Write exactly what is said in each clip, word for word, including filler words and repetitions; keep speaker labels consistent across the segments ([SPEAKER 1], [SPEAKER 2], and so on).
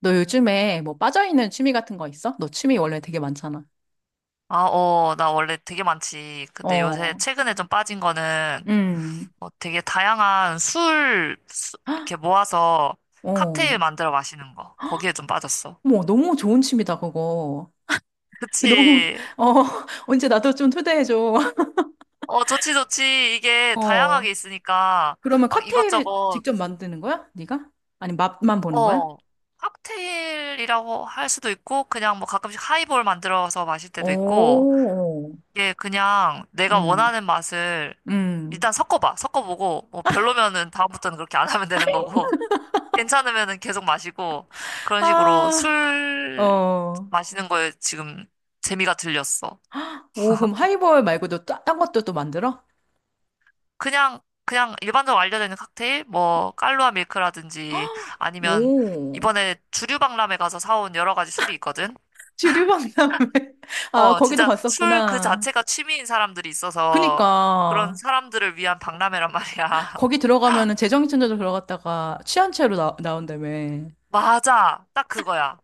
[SPEAKER 1] 너 요즘에 뭐 빠져있는 취미 같은 거 있어? 너 취미 원래 되게 많잖아.
[SPEAKER 2] 아, 어, 나 원래 되게 많지. 근데 요새
[SPEAKER 1] 어,
[SPEAKER 2] 최근에 좀 빠진 거는
[SPEAKER 1] 음,
[SPEAKER 2] 뭐 되게 다양한 술 수-
[SPEAKER 1] 헉,
[SPEAKER 2] 이렇게 모아서 칵테일
[SPEAKER 1] 어.
[SPEAKER 2] 만들어 마시는 거. 거기에 좀 빠졌어.
[SPEAKER 1] 뭐 너무 좋은 취미다, 그거. 그 너무,
[SPEAKER 2] 그치.
[SPEAKER 1] 어, 언제 나도 좀 초대해줘.
[SPEAKER 2] 어, 좋지, 좋지. 이게
[SPEAKER 1] 어,
[SPEAKER 2] 다양하게 있으니까
[SPEAKER 1] 그러면
[SPEAKER 2] 막
[SPEAKER 1] 칵테일을
[SPEAKER 2] 이것저것,
[SPEAKER 1] 직접 만드는 거야? 네가? 아니, 맛만 보는 거야?
[SPEAKER 2] 어, 칵테일이라고 할 수도 있고, 그냥 뭐 가끔씩 하이볼 만들어서 마실 때도 있고,
[SPEAKER 1] 오,
[SPEAKER 2] 이게 그냥 내가
[SPEAKER 1] 음,
[SPEAKER 2] 원하는 맛을
[SPEAKER 1] 음.
[SPEAKER 2] 일단 섞어봐. 섞어보고, 뭐 별로면은 다음부터는 그렇게 안 하면 되는 거고. 괜찮으면은 계속 마시고 그런 식으로
[SPEAKER 1] 아,
[SPEAKER 2] 술
[SPEAKER 1] 어.
[SPEAKER 2] 마시는 거에 지금 재미가 들렸어.
[SPEAKER 1] 오, 그럼 하이볼 말고도 따- 딴 것도 또 만들어?
[SPEAKER 2] 그냥 그냥 일반적으로 알려져 있는 칵테일 뭐 깔루아 밀크라든지 아니면
[SPEAKER 1] 오,
[SPEAKER 2] 이번에 주류박람회 가서 사온 여러 가지 술이 있거든.
[SPEAKER 1] 주류 박람회. 아,
[SPEAKER 2] 어,
[SPEAKER 1] 거기도
[SPEAKER 2] 진짜 술 그
[SPEAKER 1] 봤었구나.
[SPEAKER 2] 자체가 취미인 사람들이
[SPEAKER 1] 그니까
[SPEAKER 2] 있어서 그런 사람들을 위한 박람회란 말이야.
[SPEAKER 1] 거기 들어가면은 재정신천사로 들어갔다가 취한 채로 나, 나온다며.
[SPEAKER 2] 맞아. 딱 그거야.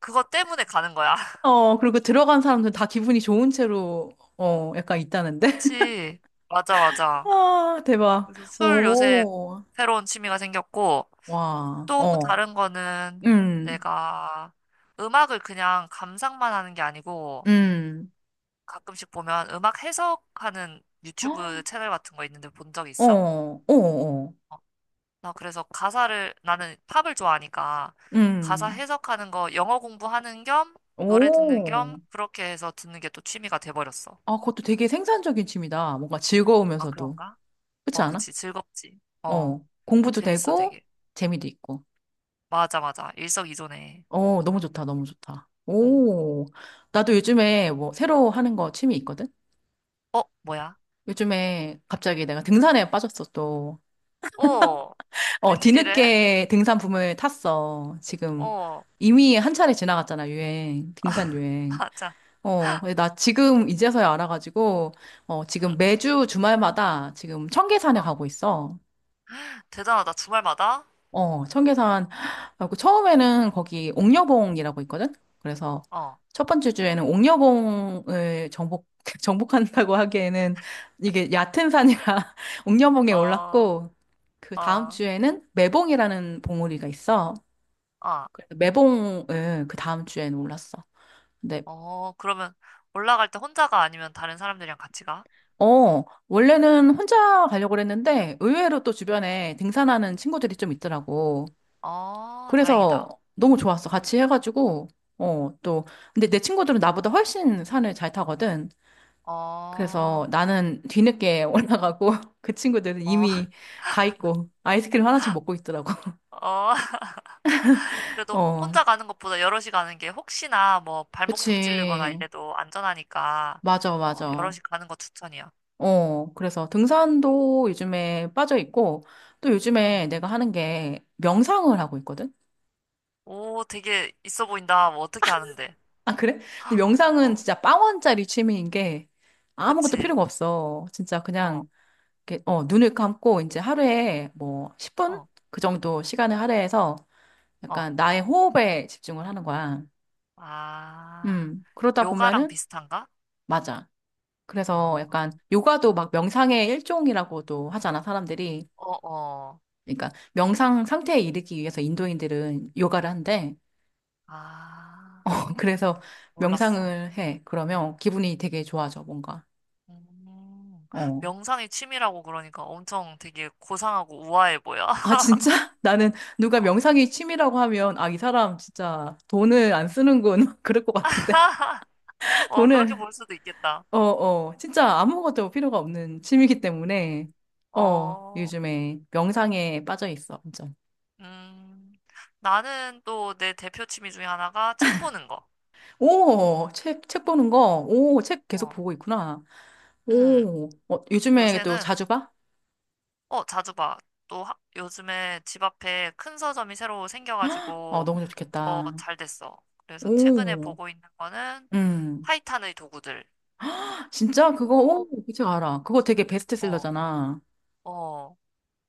[SPEAKER 2] 그거 때문에 가는 거야.
[SPEAKER 1] 어, 그리고 들어간 사람들 다 기분이 좋은 채로 어, 약간 있다는데.
[SPEAKER 2] 그치. 맞아, 맞아.
[SPEAKER 1] 아, 대박.
[SPEAKER 2] 그래서 술 요새
[SPEAKER 1] 오.
[SPEAKER 2] 새로운 취미가 생겼고,
[SPEAKER 1] 와.
[SPEAKER 2] 또
[SPEAKER 1] 어.
[SPEAKER 2] 다른 거는
[SPEAKER 1] 음.
[SPEAKER 2] 내가 음악을 그냥 감상만 하는 게 아니고,
[SPEAKER 1] 음.
[SPEAKER 2] 가끔씩 보면 음악 해석하는 유튜브 채널 같은 거 있는데 본 적
[SPEAKER 1] 어.
[SPEAKER 2] 있어?
[SPEAKER 1] 어. 어.
[SPEAKER 2] 나 그래서 가사를, 나는 팝을 좋아하니까, 가사
[SPEAKER 1] 음.
[SPEAKER 2] 해석하는 거 영어 공부하는 겸, 노래 듣는 겸,
[SPEAKER 1] 오.
[SPEAKER 2] 그렇게 해서 듣는 게 또 취미가 돼버렸어.
[SPEAKER 1] 아, 그것도 되게 생산적인 취미다. 뭔가
[SPEAKER 2] 아,
[SPEAKER 1] 즐거우면서도.
[SPEAKER 2] 그런가?
[SPEAKER 1] 그렇지
[SPEAKER 2] 어,
[SPEAKER 1] 않아?
[SPEAKER 2] 그치. 즐겁지. 어,
[SPEAKER 1] 어. 공부도
[SPEAKER 2] 재밌어,
[SPEAKER 1] 되고
[SPEAKER 2] 되게.
[SPEAKER 1] 재미도 있고.
[SPEAKER 2] 맞아, 맞아. 일석이조네.
[SPEAKER 1] 어, 너무 좋다, 너무 좋다.
[SPEAKER 2] 응.
[SPEAKER 1] 오, 나도 요즘에 뭐 새로 하는 거 취미 있거든?
[SPEAKER 2] 어, 뭐야?
[SPEAKER 1] 요즘에 갑자기 내가 등산에 빠졌어, 또.
[SPEAKER 2] 어,
[SPEAKER 1] 어,
[SPEAKER 2] 웬일이래?
[SPEAKER 1] 뒤늦게 등산 붐을 탔어. 지금
[SPEAKER 2] 어,
[SPEAKER 1] 이미 한 차례 지나갔잖아, 유행. 등산 유행.
[SPEAKER 2] 맞아.
[SPEAKER 1] 어, 근데 나 지금 이제서야 알아가지고, 어,
[SPEAKER 2] 응,
[SPEAKER 1] 지금 매주 주말마다 지금 청계산에
[SPEAKER 2] 어,
[SPEAKER 1] 가고 있어.
[SPEAKER 2] 대단하다. 주말마다?
[SPEAKER 1] 어, 청계산. 하고 처음에는 거기 옥녀봉이라고 있거든? 그래서
[SPEAKER 2] 어,
[SPEAKER 1] 첫 번째 주에는 옥녀봉을 정복, 정복한다고 하기에는 이게 얕은 산이라 옥녀봉에
[SPEAKER 2] 어,
[SPEAKER 1] 올랐고, 그 다음
[SPEAKER 2] 어,
[SPEAKER 1] 주에는 매봉이라는 봉우리가 있어.
[SPEAKER 2] 어,
[SPEAKER 1] 그래서 매봉을 그 다음 주에는 올랐어. 근데,
[SPEAKER 2] 어, 그러면 올라갈 때 혼자가 아니면 다른 사람들이랑 같이 가?
[SPEAKER 1] 어, 원래는 혼자 가려고 그랬는데 의외로 또 주변에 등산하는 친구들이 좀 있더라고.
[SPEAKER 2] 어, 다행이다.
[SPEAKER 1] 그래서 너무 좋았어. 같이 해가지고, 어, 또. 근데 내 친구들은 나보다 훨씬 산을 잘 타거든.
[SPEAKER 2] 어,
[SPEAKER 1] 그래서 나는 뒤늦게 올라가고, 그 친구들은
[SPEAKER 2] 어,
[SPEAKER 1] 이미 가 있고, 아이스크림 하나씩 먹고 있더라고.
[SPEAKER 2] 어, 그래도
[SPEAKER 1] 어,
[SPEAKER 2] 혼자 가는 것보다 여럿이 가는 게 혹시나 뭐 발목 접질리거나
[SPEAKER 1] 그치.
[SPEAKER 2] 이래도 안전하니까,
[SPEAKER 1] 맞아,
[SPEAKER 2] 어,
[SPEAKER 1] 맞아.
[SPEAKER 2] 여럿이 가는 거 추천이야.
[SPEAKER 1] 어, 그래서 등산도 요즘에 빠져 있고, 또 요즘에
[SPEAKER 2] 어,
[SPEAKER 1] 내가 하는 게 명상을 하고 있거든?
[SPEAKER 2] 오, 되게 있어 보인다. 뭐 어떻게 하는데?
[SPEAKER 1] 아, 그래? 근데 명상은
[SPEAKER 2] 어,
[SPEAKER 1] 진짜 빵원짜리 취미인 게 아무것도
[SPEAKER 2] 그치.
[SPEAKER 1] 필요가 없어. 진짜
[SPEAKER 2] 어,
[SPEAKER 1] 그냥 이렇게, 어, 눈을 감고 이제 하루에 뭐 십 분?
[SPEAKER 2] 어.
[SPEAKER 1] 그 정도 시간을 할애해서
[SPEAKER 2] 어.
[SPEAKER 1] 약간 나의 호흡에 집중을 하는 거야.
[SPEAKER 2] 아,
[SPEAKER 1] 음, 그러다
[SPEAKER 2] 요가랑
[SPEAKER 1] 보면은,
[SPEAKER 2] 비슷한가?
[SPEAKER 1] 맞아. 그래서
[SPEAKER 2] 어,
[SPEAKER 1] 약간 요가도 막 명상의 일종이라고도 하잖아, 사람들이.
[SPEAKER 2] 어, 어.
[SPEAKER 1] 그러니까 명상 상태에 이르기 위해서 인도인들은 요가를 한대.
[SPEAKER 2] 아,
[SPEAKER 1] 그래서
[SPEAKER 2] 몰랐어.
[SPEAKER 1] 명상을 해. 그러면 기분이 되게 좋아져, 뭔가.
[SPEAKER 2] 음,
[SPEAKER 1] 어.
[SPEAKER 2] 명상이 취미라고 그러니까 엄청 되게 고상하고 우아해 보여.
[SPEAKER 1] 아, 진짜? 나는 누가 명상이 취미라고 하면, 아, 이 사람 진짜 돈을 안 쓰는군. 그럴 것 같은데.
[SPEAKER 2] 어, 그렇게
[SPEAKER 1] 돈을,
[SPEAKER 2] 볼 수도 있겠다.
[SPEAKER 1] 어, 어, 진짜 아무것도 필요가 없는 취미이기 때문에,
[SPEAKER 2] 어,
[SPEAKER 1] 어,
[SPEAKER 2] 어,
[SPEAKER 1] 요즘에 명상에 빠져 있어, 완전.
[SPEAKER 2] 음, 나는 또 내 대표 취미 중에 하나가 책 보는 거.
[SPEAKER 1] 오, 책, 책 보는 거, 오, 책 계속
[SPEAKER 2] 어,
[SPEAKER 1] 보고 있구나.
[SPEAKER 2] 음,
[SPEAKER 1] 오, 어, 요즘에 또
[SPEAKER 2] 요새는
[SPEAKER 1] 자주 봐?
[SPEAKER 2] 어, 자주 봐. 또 하- 요즘에 집 앞에 큰 서점이 새로
[SPEAKER 1] 어,
[SPEAKER 2] 생겨가지고
[SPEAKER 1] 너무
[SPEAKER 2] 더
[SPEAKER 1] 좋겠다.
[SPEAKER 2] 잘 됐어. 그래서 최근에
[SPEAKER 1] 오,
[SPEAKER 2] 보고 있는 거는
[SPEAKER 1] 음.
[SPEAKER 2] 파이탄의 도구들.
[SPEAKER 1] 진짜 그거,
[SPEAKER 2] 오.
[SPEAKER 1] 오, 그책 알아. 그거 되게
[SPEAKER 2] 어,
[SPEAKER 1] 베스트셀러잖아.
[SPEAKER 2] 어.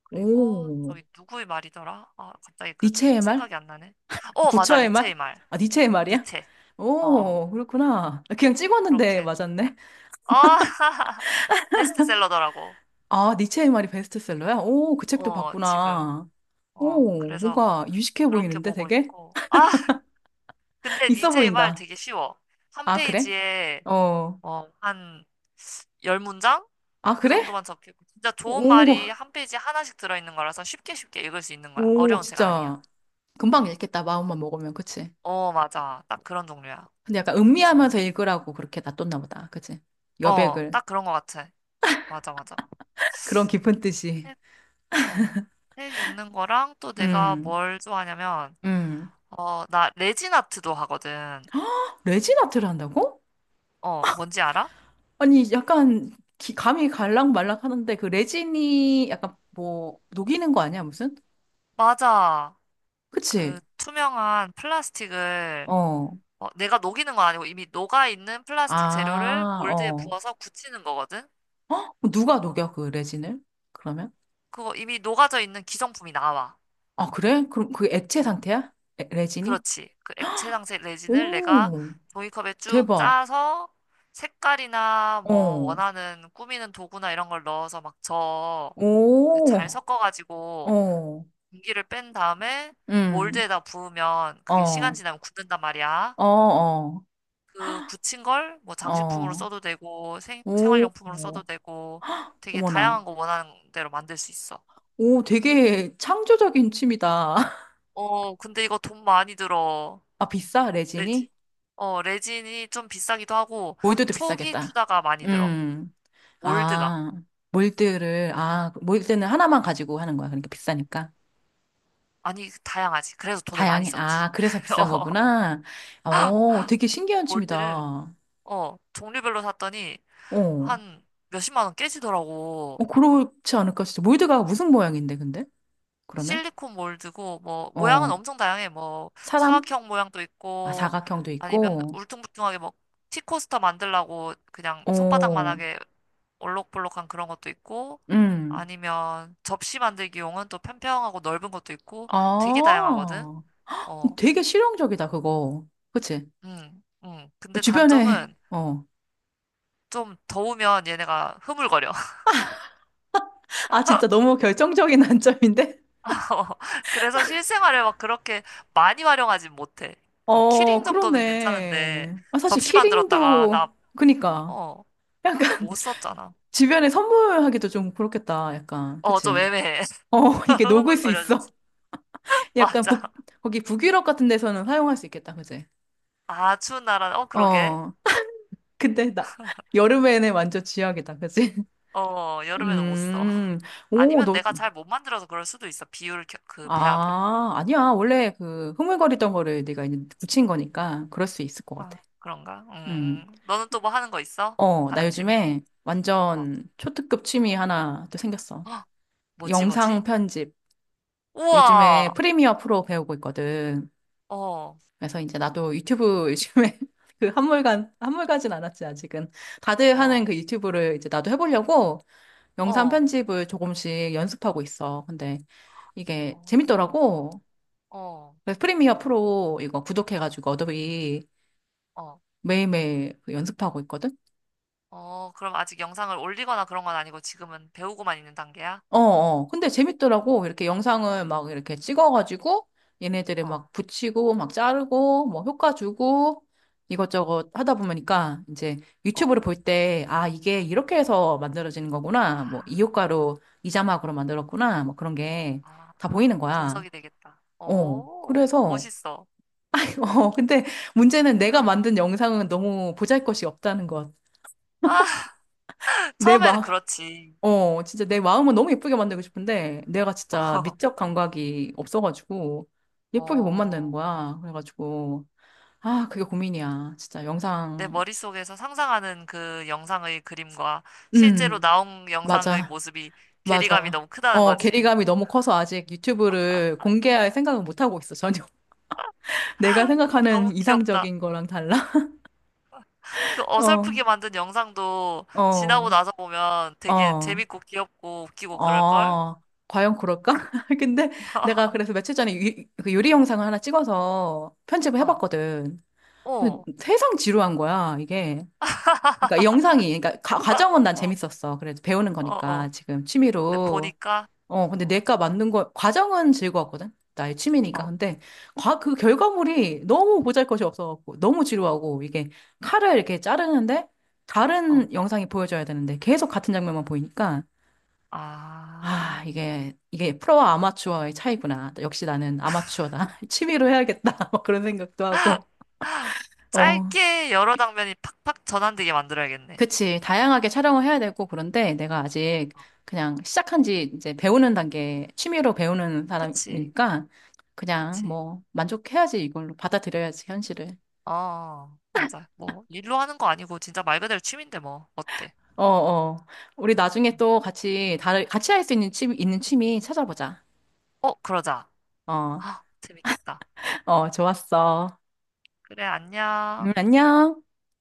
[SPEAKER 2] 그리고
[SPEAKER 1] 오,
[SPEAKER 2] 저기 누구의 말이더라? 아, 갑자기 그
[SPEAKER 1] 니체의 말?
[SPEAKER 2] 생각이 안 나네. 어, 맞아.
[SPEAKER 1] 부처의 말?
[SPEAKER 2] 니체의 말.
[SPEAKER 1] 아, 니체의 말이야?
[SPEAKER 2] 니체. 어, 어.
[SPEAKER 1] 오, 그렇구나. 그냥 찍었는데
[SPEAKER 2] 그렇게.
[SPEAKER 1] 맞았네.
[SPEAKER 2] 아, 베스트셀러더라고.
[SPEAKER 1] 아, 니체의 말이 베스트셀러야? 오, 그 책도
[SPEAKER 2] 어, 지금.
[SPEAKER 1] 봤구나.
[SPEAKER 2] 어,
[SPEAKER 1] 오,
[SPEAKER 2] 그래서
[SPEAKER 1] 뭔가 유식해
[SPEAKER 2] 그렇게
[SPEAKER 1] 보이는데
[SPEAKER 2] 보고
[SPEAKER 1] 되게?
[SPEAKER 2] 있고. 아, 근데
[SPEAKER 1] 있어
[SPEAKER 2] 니체의 말
[SPEAKER 1] 보인다.
[SPEAKER 2] 되게 쉬워. 한
[SPEAKER 1] 아, 그래?
[SPEAKER 2] 페이지에
[SPEAKER 1] 어.
[SPEAKER 2] 어, 한 열 문장?
[SPEAKER 1] 아,
[SPEAKER 2] 그
[SPEAKER 1] 그래?
[SPEAKER 2] 정도만 적히고 진짜 좋은
[SPEAKER 1] 오,
[SPEAKER 2] 말이 한 페이지 하나씩 들어있는 거라서 쉽게 쉽게 읽을 수 있는 거야.
[SPEAKER 1] 오,
[SPEAKER 2] 어려운 책 아니야.
[SPEAKER 1] 진짜. 금방
[SPEAKER 2] 어,
[SPEAKER 1] 읽겠다, 마음만 먹으면. 그치?
[SPEAKER 2] 어 맞아. 딱 그런 종류야.
[SPEAKER 1] 근데 약간
[SPEAKER 2] 그래서 난,
[SPEAKER 1] 음미하면서 읽으라고 그렇게 놔뒀나 보다. 그치?
[SPEAKER 2] 어,
[SPEAKER 1] 여백을.
[SPEAKER 2] 딱 그런 거 같아. 맞아, 맞아.
[SPEAKER 1] 그런 깊은 뜻이.
[SPEAKER 2] 책, 어, 책 읽는 거랑 또 내가
[SPEAKER 1] 음,
[SPEAKER 2] 뭘 좋아하냐면,
[SPEAKER 1] 음.
[SPEAKER 2] 어, 나 레진 아트도 하거든.
[SPEAKER 1] 레진아트를 한다고?
[SPEAKER 2] 어, 뭔지 알아?
[SPEAKER 1] 아니, 약간 기- 감이 갈락말락 하는데 그 레진이 약간 뭐 녹이는 거 아니야, 무슨?
[SPEAKER 2] 맞아.
[SPEAKER 1] 그치?
[SPEAKER 2] 그 투명한 플라스틱을
[SPEAKER 1] 어.
[SPEAKER 2] 어, 내가 녹이는 건 아니고 이미 녹아 있는 플라스틱 재료를
[SPEAKER 1] 아,
[SPEAKER 2] 몰드에
[SPEAKER 1] 어.
[SPEAKER 2] 부어서 굳히는 거거든?
[SPEAKER 1] 어? 누가 녹여, 그 레진을? 그러면?
[SPEAKER 2] 그거 이미 녹아져 있는 기성품이 나와.
[SPEAKER 1] 아, 그래? 그럼 그 액체
[SPEAKER 2] 어,
[SPEAKER 1] 상태야? 레, 레진이?
[SPEAKER 2] 그렇지. 그 액체 장색 레진을 내가
[SPEAKER 1] 오,
[SPEAKER 2] 종이컵에 쭉
[SPEAKER 1] 대박.
[SPEAKER 2] 짜서 색깔이나 뭐
[SPEAKER 1] 어,
[SPEAKER 2] 원하는 꾸미는 도구나 이런 걸 넣어서 막 저, 그 잘
[SPEAKER 1] 오,
[SPEAKER 2] 섞어가지고
[SPEAKER 1] 어,
[SPEAKER 2] 공기를 뺀 다음에
[SPEAKER 1] 음,
[SPEAKER 2] 몰드에다 부으면 그게 시간
[SPEAKER 1] 어,
[SPEAKER 2] 지나면 굳는단 말이야.
[SPEAKER 1] 어, 어,
[SPEAKER 2] 그 굳힌 걸 뭐 장식품으로
[SPEAKER 1] 어,
[SPEAKER 2] 써도 되고 생,
[SPEAKER 1] 오,
[SPEAKER 2] 생활용품으로 써도
[SPEAKER 1] 오.
[SPEAKER 2] 되고 되게
[SPEAKER 1] 어머나.
[SPEAKER 2] 다양한 거 원하는 대로 만들 수 있어.
[SPEAKER 1] 오, 되게 창조적인 취미다.
[SPEAKER 2] 어, 근데 이거 돈 많이 들어.
[SPEAKER 1] 아, 비싸,
[SPEAKER 2] 레진.
[SPEAKER 1] 레진이?
[SPEAKER 2] 어, 레진이 좀 비싸기도 하고
[SPEAKER 1] 몰드도
[SPEAKER 2] 초기
[SPEAKER 1] 비싸겠다.
[SPEAKER 2] 투자가 많이 들어.
[SPEAKER 1] 음,
[SPEAKER 2] 몰드가.
[SPEAKER 1] 아, 몰드를, 아, 몰드는 하나만 가지고 하는 거야. 그러니까 비싸니까.
[SPEAKER 2] 아니, 다양하지. 그래서 돈을 많이
[SPEAKER 1] 다양해.
[SPEAKER 2] 썼지.
[SPEAKER 1] 아, 그래서 비싼
[SPEAKER 2] 어,
[SPEAKER 1] 거구나. 어, 되게 신기한 취미다.
[SPEAKER 2] 몰드를
[SPEAKER 1] 어,
[SPEAKER 2] 어, 종류별로 샀더니 한 몇십만 원 깨지더라고.
[SPEAKER 1] 어, 그렇지 않을까 진짜 몰드가 무슨 모양인데, 근데? 그러면?
[SPEAKER 2] 실리콘 몰드고 뭐 모양은
[SPEAKER 1] 어,
[SPEAKER 2] 엄청 다양해. 뭐
[SPEAKER 1] 사람?
[SPEAKER 2] 사각형 모양도
[SPEAKER 1] 아,
[SPEAKER 2] 있고
[SPEAKER 1] 사각형도
[SPEAKER 2] 아니면
[SPEAKER 1] 있고,
[SPEAKER 2] 울퉁불퉁하게 뭐 티코스터 만들라고 그냥
[SPEAKER 1] 어,
[SPEAKER 2] 손바닥만하게 올록볼록한 그런 것도 있고
[SPEAKER 1] 음.
[SPEAKER 2] 아니면 접시 만들기용은 또 평평하고 넓은 것도 있고 되게 다양하거든.
[SPEAKER 1] 아,
[SPEAKER 2] 어,
[SPEAKER 1] 되게 실용적이다, 그거. 그치?
[SPEAKER 2] 음, 음. 근데
[SPEAKER 1] 주변에,
[SPEAKER 2] 단점은
[SPEAKER 1] 어.
[SPEAKER 2] 좀 더우면 얘네가 흐물거려.
[SPEAKER 1] 아, 진짜 너무 결정적인 단점인데?
[SPEAKER 2] 그래서 실생활에 막 그렇게 많이 활용하진 못해. 뭐
[SPEAKER 1] 어,
[SPEAKER 2] 키링 정도는 괜찮은데
[SPEAKER 1] 그러네. 아, 사실
[SPEAKER 2] 접시 만들었다가 나
[SPEAKER 1] 키링도, 그니까.
[SPEAKER 2] 어,
[SPEAKER 1] 야,
[SPEAKER 2] 못 썼잖아.
[SPEAKER 1] 주변에 선물하기도 좀 그렇겠다. 약간,
[SPEAKER 2] 어, 좀
[SPEAKER 1] 그치?
[SPEAKER 2] 애매해.
[SPEAKER 1] 어, 이게 녹을 수 있어.
[SPEAKER 2] 흐물거려져서.
[SPEAKER 1] 약간
[SPEAKER 2] 맞아.
[SPEAKER 1] 북, 거기 북유럽 같은 데서는 사용할 수 있겠다. 그치?
[SPEAKER 2] 아주 나란, 어, 그러게.
[SPEAKER 1] 어. 근데 나, 여름에는 완전 쥐약이다. 그치?
[SPEAKER 2] 어, 여름에는 못 써.
[SPEAKER 1] 음. 오,
[SPEAKER 2] 아니면
[SPEAKER 1] 너,
[SPEAKER 2] 내가 잘 못 만들어서 그럴 수도 있어. 비율, 겨- 그 배합을.
[SPEAKER 1] 아, 아니야. 원래 그 흐물거리던 거를 네가 이제 붙인 거니까 그럴 수 있을 것
[SPEAKER 2] 아,
[SPEAKER 1] 같아.
[SPEAKER 2] 그런가?
[SPEAKER 1] 음.
[SPEAKER 2] 음. 너는 또 뭐 하는 거 있어?
[SPEAKER 1] 어, 나
[SPEAKER 2] 다른 취미?
[SPEAKER 1] 요즘에
[SPEAKER 2] 어,
[SPEAKER 1] 완전 초특급 취미 하나 또 생겼어.
[SPEAKER 2] 헉, 뭐지,
[SPEAKER 1] 영상
[SPEAKER 2] 뭐지?
[SPEAKER 1] 편집. 요즘에
[SPEAKER 2] 우와!
[SPEAKER 1] 프리미어 프로 배우고 있거든.
[SPEAKER 2] 어,
[SPEAKER 1] 그래서 이제 나도 유튜브 요즘에 그 한물간, 한물가진 않았지, 아직은. 다들 하는
[SPEAKER 2] 어,
[SPEAKER 1] 그 유튜브를 이제 나도 해보려고 영상
[SPEAKER 2] 어,
[SPEAKER 1] 편집을 조금씩 연습하고 있어. 근데 이게
[SPEAKER 2] 어,
[SPEAKER 1] 재밌더라고.
[SPEAKER 2] 어,
[SPEAKER 1] 그래서 프리미어 프로 이거 구독해가지고 어도비
[SPEAKER 2] 어,
[SPEAKER 1] 매일매일 그 연습하고 있거든.
[SPEAKER 2] 어. 그럼 아직 영상을 올리거나 그런 건 아니고 지금은 배우고만 있는 단계야?
[SPEAKER 1] 어, 어. 근데
[SPEAKER 2] 어,
[SPEAKER 1] 재밌더라고. 이렇게 영상을 막 이렇게 찍어가지고 얘네들이
[SPEAKER 2] 어.
[SPEAKER 1] 막 붙이고 막 자르고 뭐 효과 주고 이것저것 하다 보니까 이제
[SPEAKER 2] 어.
[SPEAKER 1] 유튜브를 볼 때, 아, 이게 이렇게 해서 만들어지는 거구나. 뭐 이
[SPEAKER 2] 아.
[SPEAKER 1] 효과로 이 자막으로 만들었구나. 뭐 그런 게 다 보이는
[SPEAKER 2] 아,
[SPEAKER 1] 거야.
[SPEAKER 2] 분석이 되겠다.
[SPEAKER 1] 어.
[SPEAKER 2] 오,
[SPEAKER 1] 그래서,
[SPEAKER 2] 멋있어.
[SPEAKER 1] 어, 근데 문제는 내가 만든 영상은 너무 보잘것이 없다는 것.
[SPEAKER 2] 아,
[SPEAKER 1] 내
[SPEAKER 2] 처음에는
[SPEAKER 1] 마,
[SPEAKER 2] 그렇지.
[SPEAKER 1] 어, 진짜 내 마음은 너무 예쁘게 만들고 싶은데, 내가 진짜 미적 감각이 없어가지고, 예쁘게 못 만드는
[SPEAKER 2] 어,
[SPEAKER 1] 거야. 그래가지고, 아, 그게 고민이야. 진짜
[SPEAKER 2] 내
[SPEAKER 1] 영상,
[SPEAKER 2] 머릿속에서 상상하는 그 영상의 그림과 실제로
[SPEAKER 1] 음,
[SPEAKER 2] 나온 영상의
[SPEAKER 1] 맞아,
[SPEAKER 2] 모습이 괴리감이
[SPEAKER 1] 맞아.
[SPEAKER 2] 너무 크다는
[SPEAKER 1] 어,
[SPEAKER 2] 거지.
[SPEAKER 1] 괴리감이 너무 커서 아직 유튜브를 공개할 생각은 못 하고 있어, 전혀. 내가 생각하는
[SPEAKER 2] 너무 귀엽다.
[SPEAKER 1] 이상적인 거랑 달라?
[SPEAKER 2] 그
[SPEAKER 1] 어,
[SPEAKER 2] 어설프게 만든 영상도 지나고
[SPEAKER 1] 어,
[SPEAKER 2] 나서 보면 되게
[SPEAKER 1] 어,
[SPEAKER 2] 재밌고 귀엽고 웃기고 그럴걸?
[SPEAKER 1] 어. 과연 그럴까? 근데 내가 그래서 며칠 전에 유, 그 요리 영상을 하나 찍어서 편집을
[SPEAKER 2] 어,
[SPEAKER 1] 해봤거든.
[SPEAKER 2] 어,
[SPEAKER 1] 근데 세상 지루한 거야, 이게. 그러니까 영상이, 그러니까 가, 과정은 난
[SPEAKER 2] 어,
[SPEAKER 1] 재밌었어. 그래도 배우는
[SPEAKER 2] 어, 어.
[SPEAKER 1] 거니까 지금
[SPEAKER 2] 근데
[SPEAKER 1] 취미로.
[SPEAKER 2] 보니까,
[SPEAKER 1] 어, 근데
[SPEAKER 2] 어,
[SPEAKER 1] 내가 만든 거, 과정은 즐거웠거든? 나의 취미니까.
[SPEAKER 2] 어,
[SPEAKER 1] 근데 과, 그 결과물이 너무 보잘것이 없어갖고, 너무 지루하고, 이게 칼을 이렇게 자르는데,
[SPEAKER 2] 어.
[SPEAKER 1] 다른 영상이 보여줘야 되는데, 계속 같은 장면만 보이니까, 아,
[SPEAKER 2] 아.
[SPEAKER 1] 이게, 이게 프로와 아마추어의 차이구나. 역시 나는 아마추어다. 취미로 해야겠다. 막 그런 생각도 하고. 어,
[SPEAKER 2] 짧게 여러 장면이 팍팍 전환되게 만들어야겠네.
[SPEAKER 1] 그치. 다양하게 촬영을 해야 되고, 그런데 내가 아직 그냥 시작한 지 이제 배우는 단계, 취미로 배우는
[SPEAKER 2] 그치,
[SPEAKER 1] 사람이니까 그냥
[SPEAKER 2] 그치.
[SPEAKER 1] 뭐 만족해야지 이걸로 받아들여야지, 현실을.
[SPEAKER 2] 어, 어, 맞아. 뭐, 일로 하는 거 아니고, 진짜 말 그대로 취미인데, 뭐. 어때?
[SPEAKER 1] 어, 어. 우리 나중에
[SPEAKER 2] 음.
[SPEAKER 1] 또 같이, 다, 같이 할 수 있는 취미, 있는 취미 찾아보자.
[SPEAKER 2] 어, 그러자.
[SPEAKER 1] 어,
[SPEAKER 2] 아, 재밌겠다.
[SPEAKER 1] 어, 좋았어.
[SPEAKER 2] 그래,
[SPEAKER 1] 음,
[SPEAKER 2] 안녕.
[SPEAKER 1] 안녕.